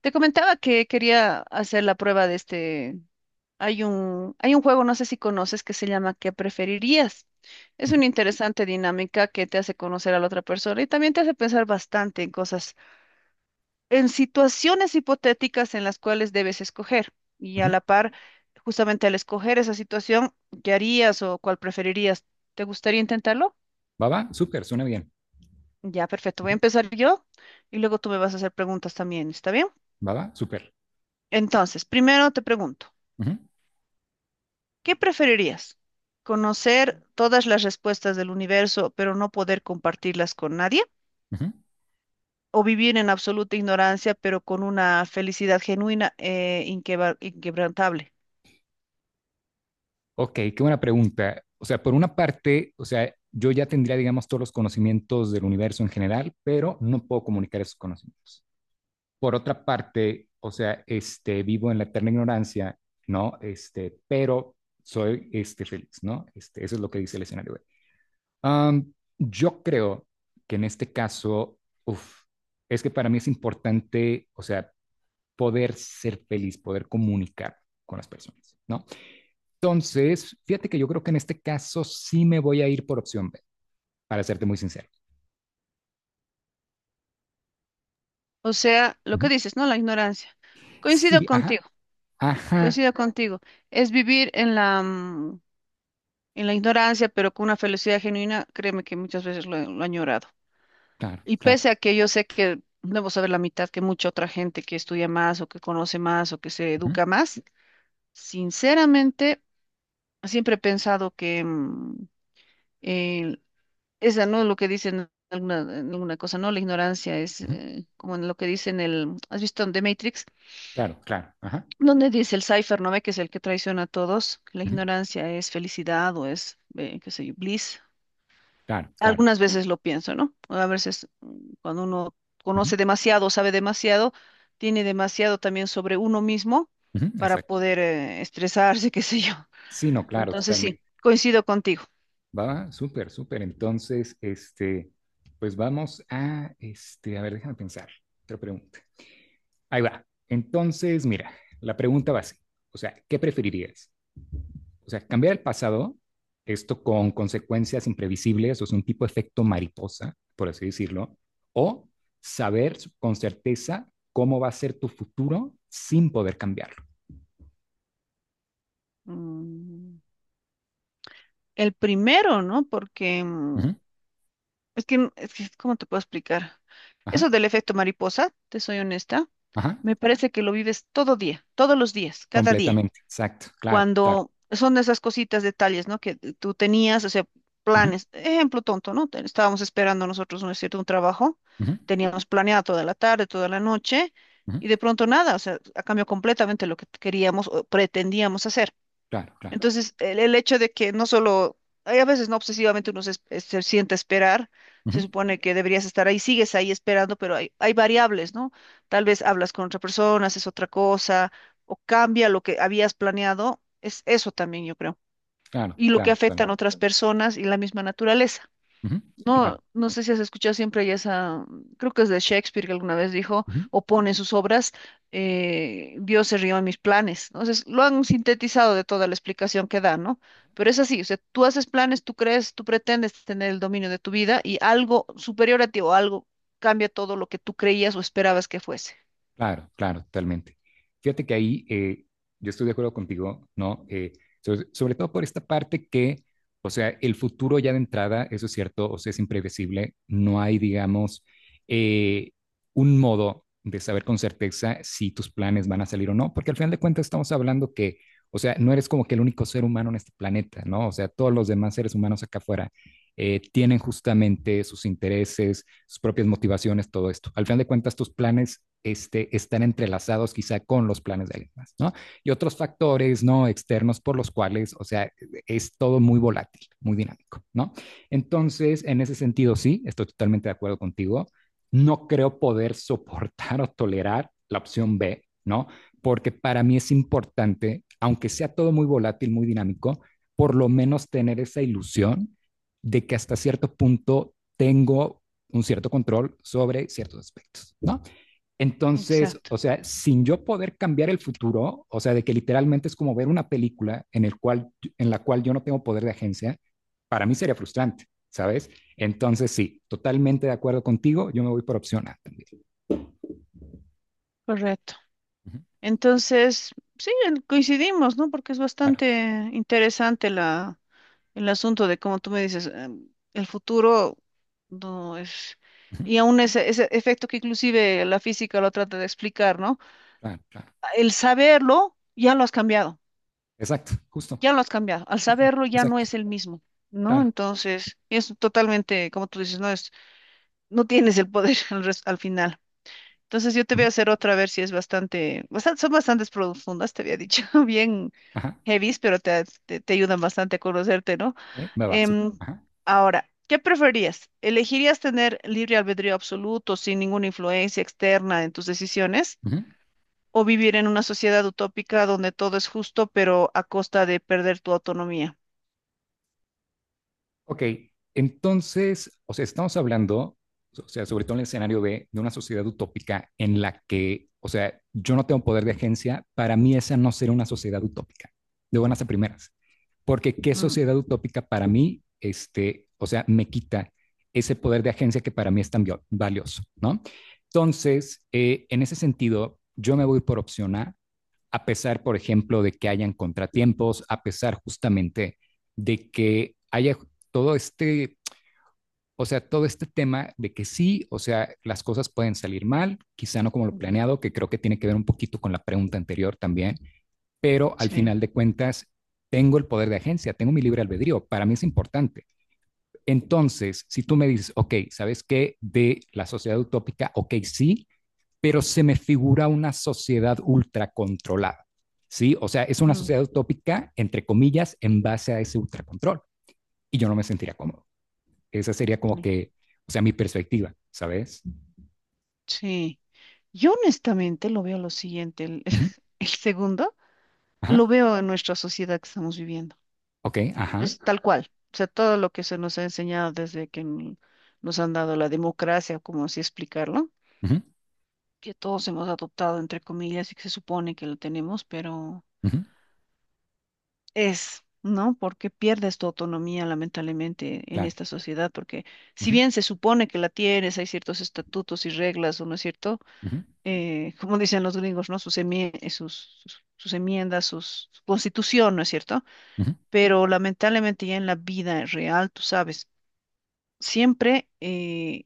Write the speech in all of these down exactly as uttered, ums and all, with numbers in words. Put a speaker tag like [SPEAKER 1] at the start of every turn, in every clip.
[SPEAKER 1] Te comentaba que quería hacer la prueba de este. Hay un, hay un juego, no sé si conoces, que se llama ¿Qué preferirías? Es
[SPEAKER 2] Ujú,
[SPEAKER 1] una interesante dinámica que te hace conocer a la otra persona y también te hace pensar bastante en cosas, en situaciones hipotéticas en las cuales debes escoger. Y a
[SPEAKER 2] ujú.
[SPEAKER 1] la par, justamente al escoger esa situación, ¿qué harías o cuál preferirías? ¿Te gustaría intentarlo?
[SPEAKER 2] ¿Va, va? Súper, suena bien.
[SPEAKER 1] Ya, perfecto. Voy a
[SPEAKER 2] Ujú.
[SPEAKER 1] empezar yo y luego tú me vas a hacer preguntas también, ¿está bien?
[SPEAKER 2] ¿Va, va? Súper.
[SPEAKER 1] Entonces, primero te pregunto.
[SPEAKER 2] Ujú,
[SPEAKER 1] ¿Qué preferirías? ¿Conocer todas las respuestas del universo, pero no poder compartirlas con nadie?
[SPEAKER 2] ujú.
[SPEAKER 1] ¿O vivir en absoluta ignorancia, pero con una felicidad genuina e inquebra- inquebrantable?
[SPEAKER 2] Ok, qué buena pregunta. O sea, por una parte, o sea, yo ya tendría, digamos, todos los conocimientos del universo en general, pero no puedo comunicar esos conocimientos. Por otra parte, o sea, este, vivo en la eterna ignorancia, ¿no? Este, pero soy, este, feliz, ¿no? Este, eso es lo que dice el escenario. B. Am, yo creo que en este caso, uf, es que para mí es importante, o sea, poder ser feliz, poder comunicar con las personas, ¿no? Entonces, fíjate que yo creo que en este caso sí me voy a ir por opción B, para serte muy sincero.
[SPEAKER 1] O sea,
[SPEAKER 2] Uh
[SPEAKER 1] lo que
[SPEAKER 2] -huh.
[SPEAKER 1] dices, ¿no? La ignorancia. Coincido
[SPEAKER 2] Sí, ajá,
[SPEAKER 1] contigo,
[SPEAKER 2] ajá,
[SPEAKER 1] coincido contigo. Es vivir en la, mm, en la ignorancia, pero con una felicidad genuina, créeme que muchas veces lo, he- lo he añorado.
[SPEAKER 2] claro,
[SPEAKER 1] Y
[SPEAKER 2] claro,
[SPEAKER 1] pese a que yo sé que debo saber la mitad que mucha otra gente que estudia más o que conoce más o que se
[SPEAKER 2] uh -huh,
[SPEAKER 1] educa más, sinceramente, siempre he pensado que mm, el- esa no es lo que dicen en alguna, en alguna cosa, no, la ignorancia es
[SPEAKER 2] uh -huh,
[SPEAKER 1] eh, como en lo que dicen el, ¿has visto en The Matrix?
[SPEAKER 2] claro, claro, ajá,
[SPEAKER 1] Donde dice el Cypher, ¿no ve? Que es el que traiciona a todos, que la
[SPEAKER 2] uh-huh,
[SPEAKER 1] ignorancia es felicidad o es, eh, qué sé yo, bliss.
[SPEAKER 2] claro, claro,
[SPEAKER 1] Algunas veces lo pienso, ¿no? A veces mm, cuando uno
[SPEAKER 2] uh-huh,
[SPEAKER 1] conoce demasiado, sabe demasiado, tiene demasiado también sobre uno mismo
[SPEAKER 2] uh-huh,
[SPEAKER 1] para
[SPEAKER 2] exacto.
[SPEAKER 1] poder eh, estresarse, qué sé yo.
[SPEAKER 2] Sí, no, claro,
[SPEAKER 1] Entonces sí,
[SPEAKER 2] totalmente.
[SPEAKER 1] coincido contigo.
[SPEAKER 2] Va, súper, súper. Entonces, este, pues vamos a, este, a ver, déjame pensar, otra pregunta. Ahí va. Entonces, mira, la pregunta va así. O sea, ¿qué preferirías? O sea, cambiar el pasado, esto con consecuencias imprevisibles, o sea, un tipo de efecto mariposa, por así decirlo, o saber con certeza cómo va a ser tu futuro sin poder cambiarlo.
[SPEAKER 1] Mm, El primero, ¿no? Porque mm,
[SPEAKER 2] Ujú,
[SPEAKER 1] es que, es que, ¿cómo te puedo explicar?
[SPEAKER 2] ajá,
[SPEAKER 1] Eso del efecto mariposa, te soy honesta,
[SPEAKER 2] ajá,
[SPEAKER 1] me parece que lo vives todo día, todos los días, cada día.
[SPEAKER 2] completamente, exacto, claro, claro.
[SPEAKER 1] Cuando son esas cositas, detalles, ¿no? Que tú tenías, o sea,
[SPEAKER 2] Ujú,
[SPEAKER 1] planes. Ejemplo tonto, ¿no? Te- Estábamos esperando nosotros, ¿no es cierto?, un trabajo.
[SPEAKER 2] ujú,
[SPEAKER 1] Teníamos planeado toda la tarde, toda la noche,
[SPEAKER 2] ujú,
[SPEAKER 1] y de pronto nada, o sea, ha cambiado completamente lo que queríamos o pretendíamos hacer.
[SPEAKER 2] claro, claro.
[SPEAKER 1] Entonces, el, el hecho de que no solo, hay a veces no obsesivamente uno se, es- es- se sienta a esperar, se
[SPEAKER 2] Ujú,
[SPEAKER 1] supone que deberías estar ahí, sigues ahí esperando, pero hay, hay variables, ¿no? Tal vez hablas con otra persona, haces otra cosa, o cambia lo que habías planeado, es eso también, yo creo.
[SPEAKER 2] claro,
[SPEAKER 1] Y lo que
[SPEAKER 2] claro, claro.
[SPEAKER 1] afectan otras personas y la misma naturaleza.
[SPEAKER 2] Ujú,
[SPEAKER 1] No,
[SPEAKER 2] claro.
[SPEAKER 1] no sé si has escuchado siempre hay esa, creo que es de Shakespeare que alguna vez dijo,
[SPEAKER 2] Ujú.
[SPEAKER 1] o pone en sus obras, eh, Dios se rió en mis planes, ¿no? Entonces, lo han sintetizado de toda la explicación que da, ¿no? Pero es así, o sea, tú haces planes, tú crees, tú pretendes tener el dominio de tu vida y algo superior a ti o algo cambia todo lo que tú creías o esperabas que fuese.
[SPEAKER 2] Claro, claro, totalmente. Fíjate que ahí eh, yo estoy de acuerdo contigo, ¿no? Eh, sobre, sobre todo por esta parte que, o sea, el futuro ya de entrada, eso es cierto, o sea, es imprevisible, no hay, digamos, eh, un modo de saber con certeza si tus planes van a salir o no, porque al final de cuentas estamos hablando que, o sea, no eres como que el único ser humano en este planeta, ¿no? O sea, todos los demás seres humanos acá afuera eh, tienen justamente sus intereses sus propias motivaciones, todo esto. Al final de cuentas, tus planes este, están entrelazados quizá con los planes de alguien más, ¿no? Y otros factores, ¿no? Externos por los cuales, o sea, es todo muy volátil, muy dinámico, ¿no? Entonces, en ese sentido, sí, estoy totalmente de acuerdo contigo. No creo poder soportar o tolerar la opción B, ¿no? Porque para mí es importante, aunque sea todo muy volátil, muy dinámico, por lo menos tener esa ilusión de que hasta cierto punto tengo un cierto control sobre ciertos aspectos, ¿no? Entonces,
[SPEAKER 1] Exacto,
[SPEAKER 2] o sea, sin yo poder cambiar el futuro, o sea, de que literalmente es como ver una película en, el cual, en la cual yo no tengo poder de agencia, para mí sería frustrante, ¿sabes? Entonces, sí, totalmente de acuerdo contigo, yo me voy por opción A también.
[SPEAKER 1] correcto.
[SPEAKER 2] Uh -huh.
[SPEAKER 1] Entonces, sí, en- coincidimos, ¿no? Porque es
[SPEAKER 2] Claro,
[SPEAKER 1] bastante interesante la. El asunto de, como tú me dices, em, el futuro no es...
[SPEAKER 2] uh -huh.
[SPEAKER 1] Y aún ese, ese efecto que inclusive la física lo trata de explicar, ¿no?
[SPEAKER 2] claro, claro.
[SPEAKER 1] El saberlo ya lo has cambiado,
[SPEAKER 2] Exacto, justo,
[SPEAKER 1] ya lo has cambiado. Al
[SPEAKER 2] justo,
[SPEAKER 1] saberlo ya no
[SPEAKER 2] exacto,
[SPEAKER 1] es el mismo, ¿no?
[SPEAKER 2] claro.
[SPEAKER 1] Entonces, es totalmente, como tú dices, no es, no tienes el poder al, res- al final. Entonces yo te
[SPEAKER 2] Uh
[SPEAKER 1] voy
[SPEAKER 2] -huh.
[SPEAKER 1] a hacer otra a ver si es bastante, bastante, son bastantes profundas, te había dicho, bien.
[SPEAKER 2] Ajá,
[SPEAKER 1] Heavies, pero te, te, te ayudan bastante a conocerte, ¿no?
[SPEAKER 2] okay. me va, súper.
[SPEAKER 1] Em,
[SPEAKER 2] Ajá.
[SPEAKER 1] Ahora, ¿qué preferías? ¿Elegirías tener libre albedrío absoluto sin ninguna influencia externa en tus decisiones?
[SPEAKER 2] Uh-huh.
[SPEAKER 1] ¿O vivir en una sociedad utópica donde todo es justo, pero a costa de perder tu autonomía?
[SPEAKER 2] Ok, entonces, o sea, estamos hablando, o sea, sobre todo en el escenario de, de, una sociedad utópica en la que, o sea, yo no tengo poder de agencia, para mí esa no será una sociedad utópica, de buenas a primeras, porque qué
[SPEAKER 1] Mm,
[SPEAKER 2] sociedad utópica para mí, este, o sea, me quita ese poder de agencia que para mí es tan vio- valioso, ¿no? Entonces, eh, en ese sentido, yo me voy por opción A, a pesar, por ejemplo, de que hayan contratiempos, a pesar justamente de que haya todo este, o sea, todo este tema de que sí, o sea, las cosas pueden salir mal, quizá no como lo
[SPEAKER 1] mm,
[SPEAKER 2] planeado, que creo que tiene que ver un poquito con la pregunta anterior también, pero al
[SPEAKER 1] sí,
[SPEAKER 2] final de cuentas, tengo el poder de agencia, tengo mi libre albedrío, para mí es importante. Entonces, si tú me dices, ok, ¿sabes qué? De la sociedad utópica, ok, sí, pero se me figura una sociedad ultracontrolada. ¿sí? O sea, es una
[SPEAKER 1] mm,
[SPEAKER 2] sociedad utópica, entre comillas, en base a ese ultracontrol. Y yo no me sentiría cómodo. Esa sería como
[SPEAKER 1] mm,
[SPEAKER 2] que, o sea, mi perspectiva, ¿sabes?
[SPEAKER 1] sí. Yo honestamente lo veo lo siguiente, el,
[SPEAKER 2] Ujú,
[SPEAKER 1] el segundo.
[SPEAKER 2] Ajá,
[SPEAKER 1] Lo veo en nuestra sociedad que estamos viviendo.
[SPEAKER 2] ok, ajá,
[SPEAKER 1] Es tal cual. O sea, todo lo que se nos ha enseñado desde que n- nos han dado la democracia, como así explicarlo,
[SPEAKER 2] ujú,
[SPEAKER 1] que todos hemos adoptado, entre comillas, y que se supone que lo tenemos, pero
[SPEAKER 2] ujú,
[SPEAKER 1] es, ¿no? Porque pierdes tu autonomía, lamentablemente, en
[SPEAKER 2] claro,
[SPEAKER 1] esta sociedad, porque si
[SPEAKER 2] ujú,
[SPEAKER 1] bien se supone que la tienes, hay ciertos estatutos y reglas, ¿o no es cierto?
[SPEAKER 2] ujú,
[SPEAKER 1] Eh, como dicen los gringos, ¿no? Sus, emie- eh, sus, sus sus enmiendas, sus, su constitución, ¿no es cierto?
[SPEAKER 2] ujú,
[SPEAKER 1] Pero lamentablemente ya en la vida real, tú sabes, siempre eh,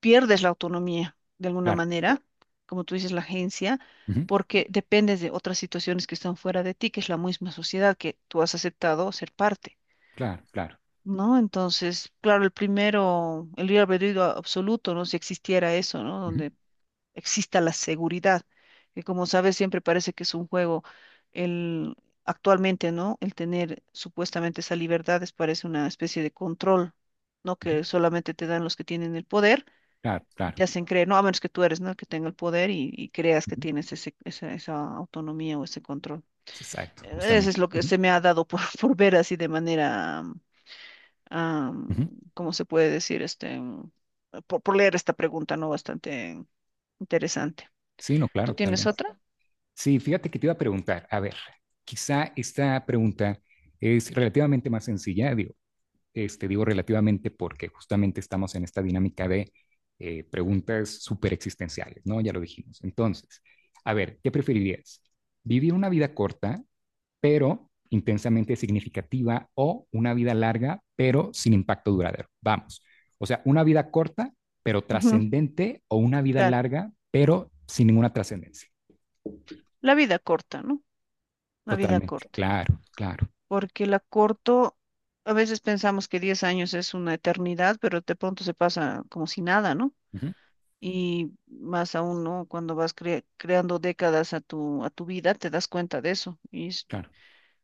[SPEAKER 1] pierdes la autonomía de alguna
[SPEAKER 2] claro,
[SPEAKER 1] manera, como tú dices, la agencia,
[SPEAKER 2] ujú,
[SPEAKER 1] porque dependes de otras situaciones que están fuera de ti, que es la misma sociedad que tú has aceptado ser parte.
[SPEAKER 2] claro, claro,
[SPEAKER 1] ¿No? Entonces, claro, el primero, el libre albedrío absoluto, ¿no? Si existiera eso, ¿no?
[SPEAKER 2] ujú,
[SPEAKER 1] Donde exista la seguridad, que como sabes siempre parece que es un juego. El, actualmente, ¿no? El tener supuestamente esa libertad es parece una especie de control, ¿no?
[SPEAKER 2] ujú,
[SPEAKER 1] Que solamente te dan los que tienen el poder
[SPEAKER 2] claro,
[SPEAKER 1] y te
[SPEAKER 2] claro,
[SPEAKER 1] hacen creer, no, a menos que tú eres, ¿no? El que tenga el poder y, y creas que
[SPEAKER 2] ujú,
[SPEAKER 1] tienes ese, esa, esa autonomía o ese control.
[SPEAKER 2] exacto,
[SPEAKER 1] Eh, Eso
[SPEAKER 2] justamente.
[SPEAKER 1] es lo que
[SPEAKER 2] Ujú,
[SPEAKER 1] se me ha dado por, por ver así de manera, am, am,
[SPEAKER 2] ujú.
[SPEAKER 1] ¿cómo se puede decir? Este, mm, por, por leer esta pregunta, ¿no? Bastante interesante.
[SPEAKER 2] Sí, no,
[SPEAKER 1] ¿Tú
[SPEAKER 2] claro,
[SPEAKER 1] tienes
[SPEAKER 2] totalmente.
[SPEAKER 1] otra?
[SPEAKER 2] Sí, fíjate que te iba a preguntar, a ver, quizá esta pregunta es relativamente más sencilla, digo, Este, digo relativamente porque justamente estamos en esta dinámica de eh, preguntas súper existenciales, ¿no? Ya lo dijimos. Entonces, a ver, ¿qué preferirías? ¿Vivir una vida corta, pero intensamente significativa, o una vida larga, pero sin impacto duradero? Vamos. O sea, una vida corta, pero
[SPEAKER 1] Ujú,
[SPEAKER 2] trascendente, o una vida
[SPEAKER 1] claro.
[SPEAKER 2] larga, pero sin ninguna trascendencia.
[SPEAKER 1] La vida corta, ¿no? La vida
[SPEAKER 2] Totalmente.
[SPEAKER 1] corta.
[SPEAKER 2] Claro, claro.
[SPEAKER 1] Porque la corto, a veces pensamos que diez años es una eternidad, pero de pronto se pasa como si nada, ¿no?
[SPEAKER 2] Ujú,
[SPEAKER 1] Y más aún, ¿no? Cuando vas cre- creando décadas a tu, a tu vida, te das cuenta de eso. Y es
[SPEAKER 2] claro.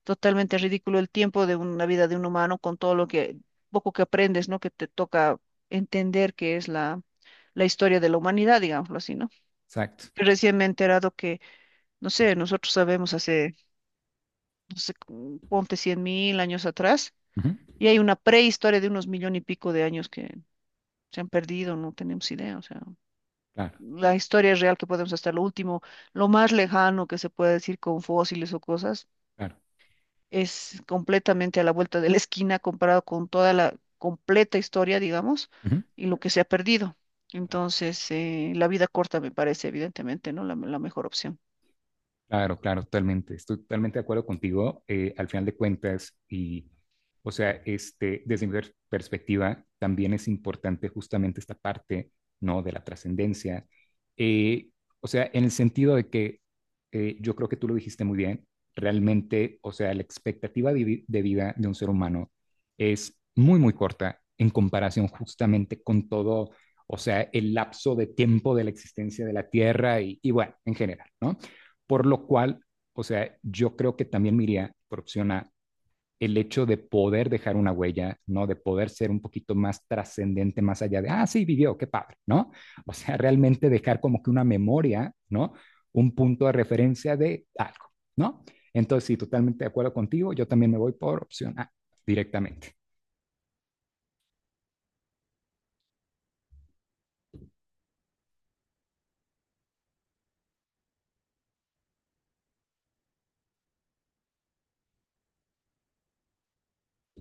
[SPEAKER 1] totalmente ridículo el tiempo de una vida de un humano con todo lo que, poco que aprendes, ¿no? Que te toca entender que es la, la historia de la humanidad, digámoslo así, ¿no?
[SPEAKER 2] Exacto.
[SPEAKER 1] Que recién me he enterado que, no sé, nosotros sabemos hace, no sé, cu- ponte cien mil años atrás,
[SPEAKER 2] Ujú,
[SPEAKER 1] y hay una prehistoria de unos millón y pico de años que se han perdido, no tenemos idea, o sea.
[SPEAKER 2] claro,
[SPEAKER 1] La historia real que podemos hasta lo último, lo más lejano que se puede decir con fósiles o cosas,
[SPEAKER 2] claro.
[SPEAKER 1] es completamente a la vuelta de la esquina comparado con toda la completa historia, digamos,
[SPEAKER 2] Ujú,
[SPEAKER 1] y lo que se ha perdido.
[SPEAKER 2] claro.
[SPEAKER 1] Entonces, eh, la vida corta me parece evidentemente, ¿no? la la mejor opción.
[SPEAKER 2] Claro, claro, totalmente. Estoy totalmente de acuerdo contigo. eh, al final de cuentas, y, o sea, este, desde mi per- perspectiva, también es importante justamente esta parte, ¿no? De la trascendencia. Eh, o sea, en el sentido de que eh, yo creo que tú lo dijiste muy bien, realmente, o sea, la expectativa de, vi- de vida de un ser humano es muy, muy corta en comparación justamente con todo, o sea, el lapso de tiempo de la existencia de la Tierra y, y, bueno, en general, ¿no? Por lo cual, o sea, yo creo que también me iría por opción A, el hecho de poder dejar una huella, ¿no? De poder ser un poquito más trascendente, más allá de, ah, sí, vivió, qué padre, ¿no? O sea, realmente dejar como que una memoria, ¿no? Un punto de referencia de algo, ¿no? Entonces, sí, totalmente de acuerdo contigo, yo también me voy por opción A directamente.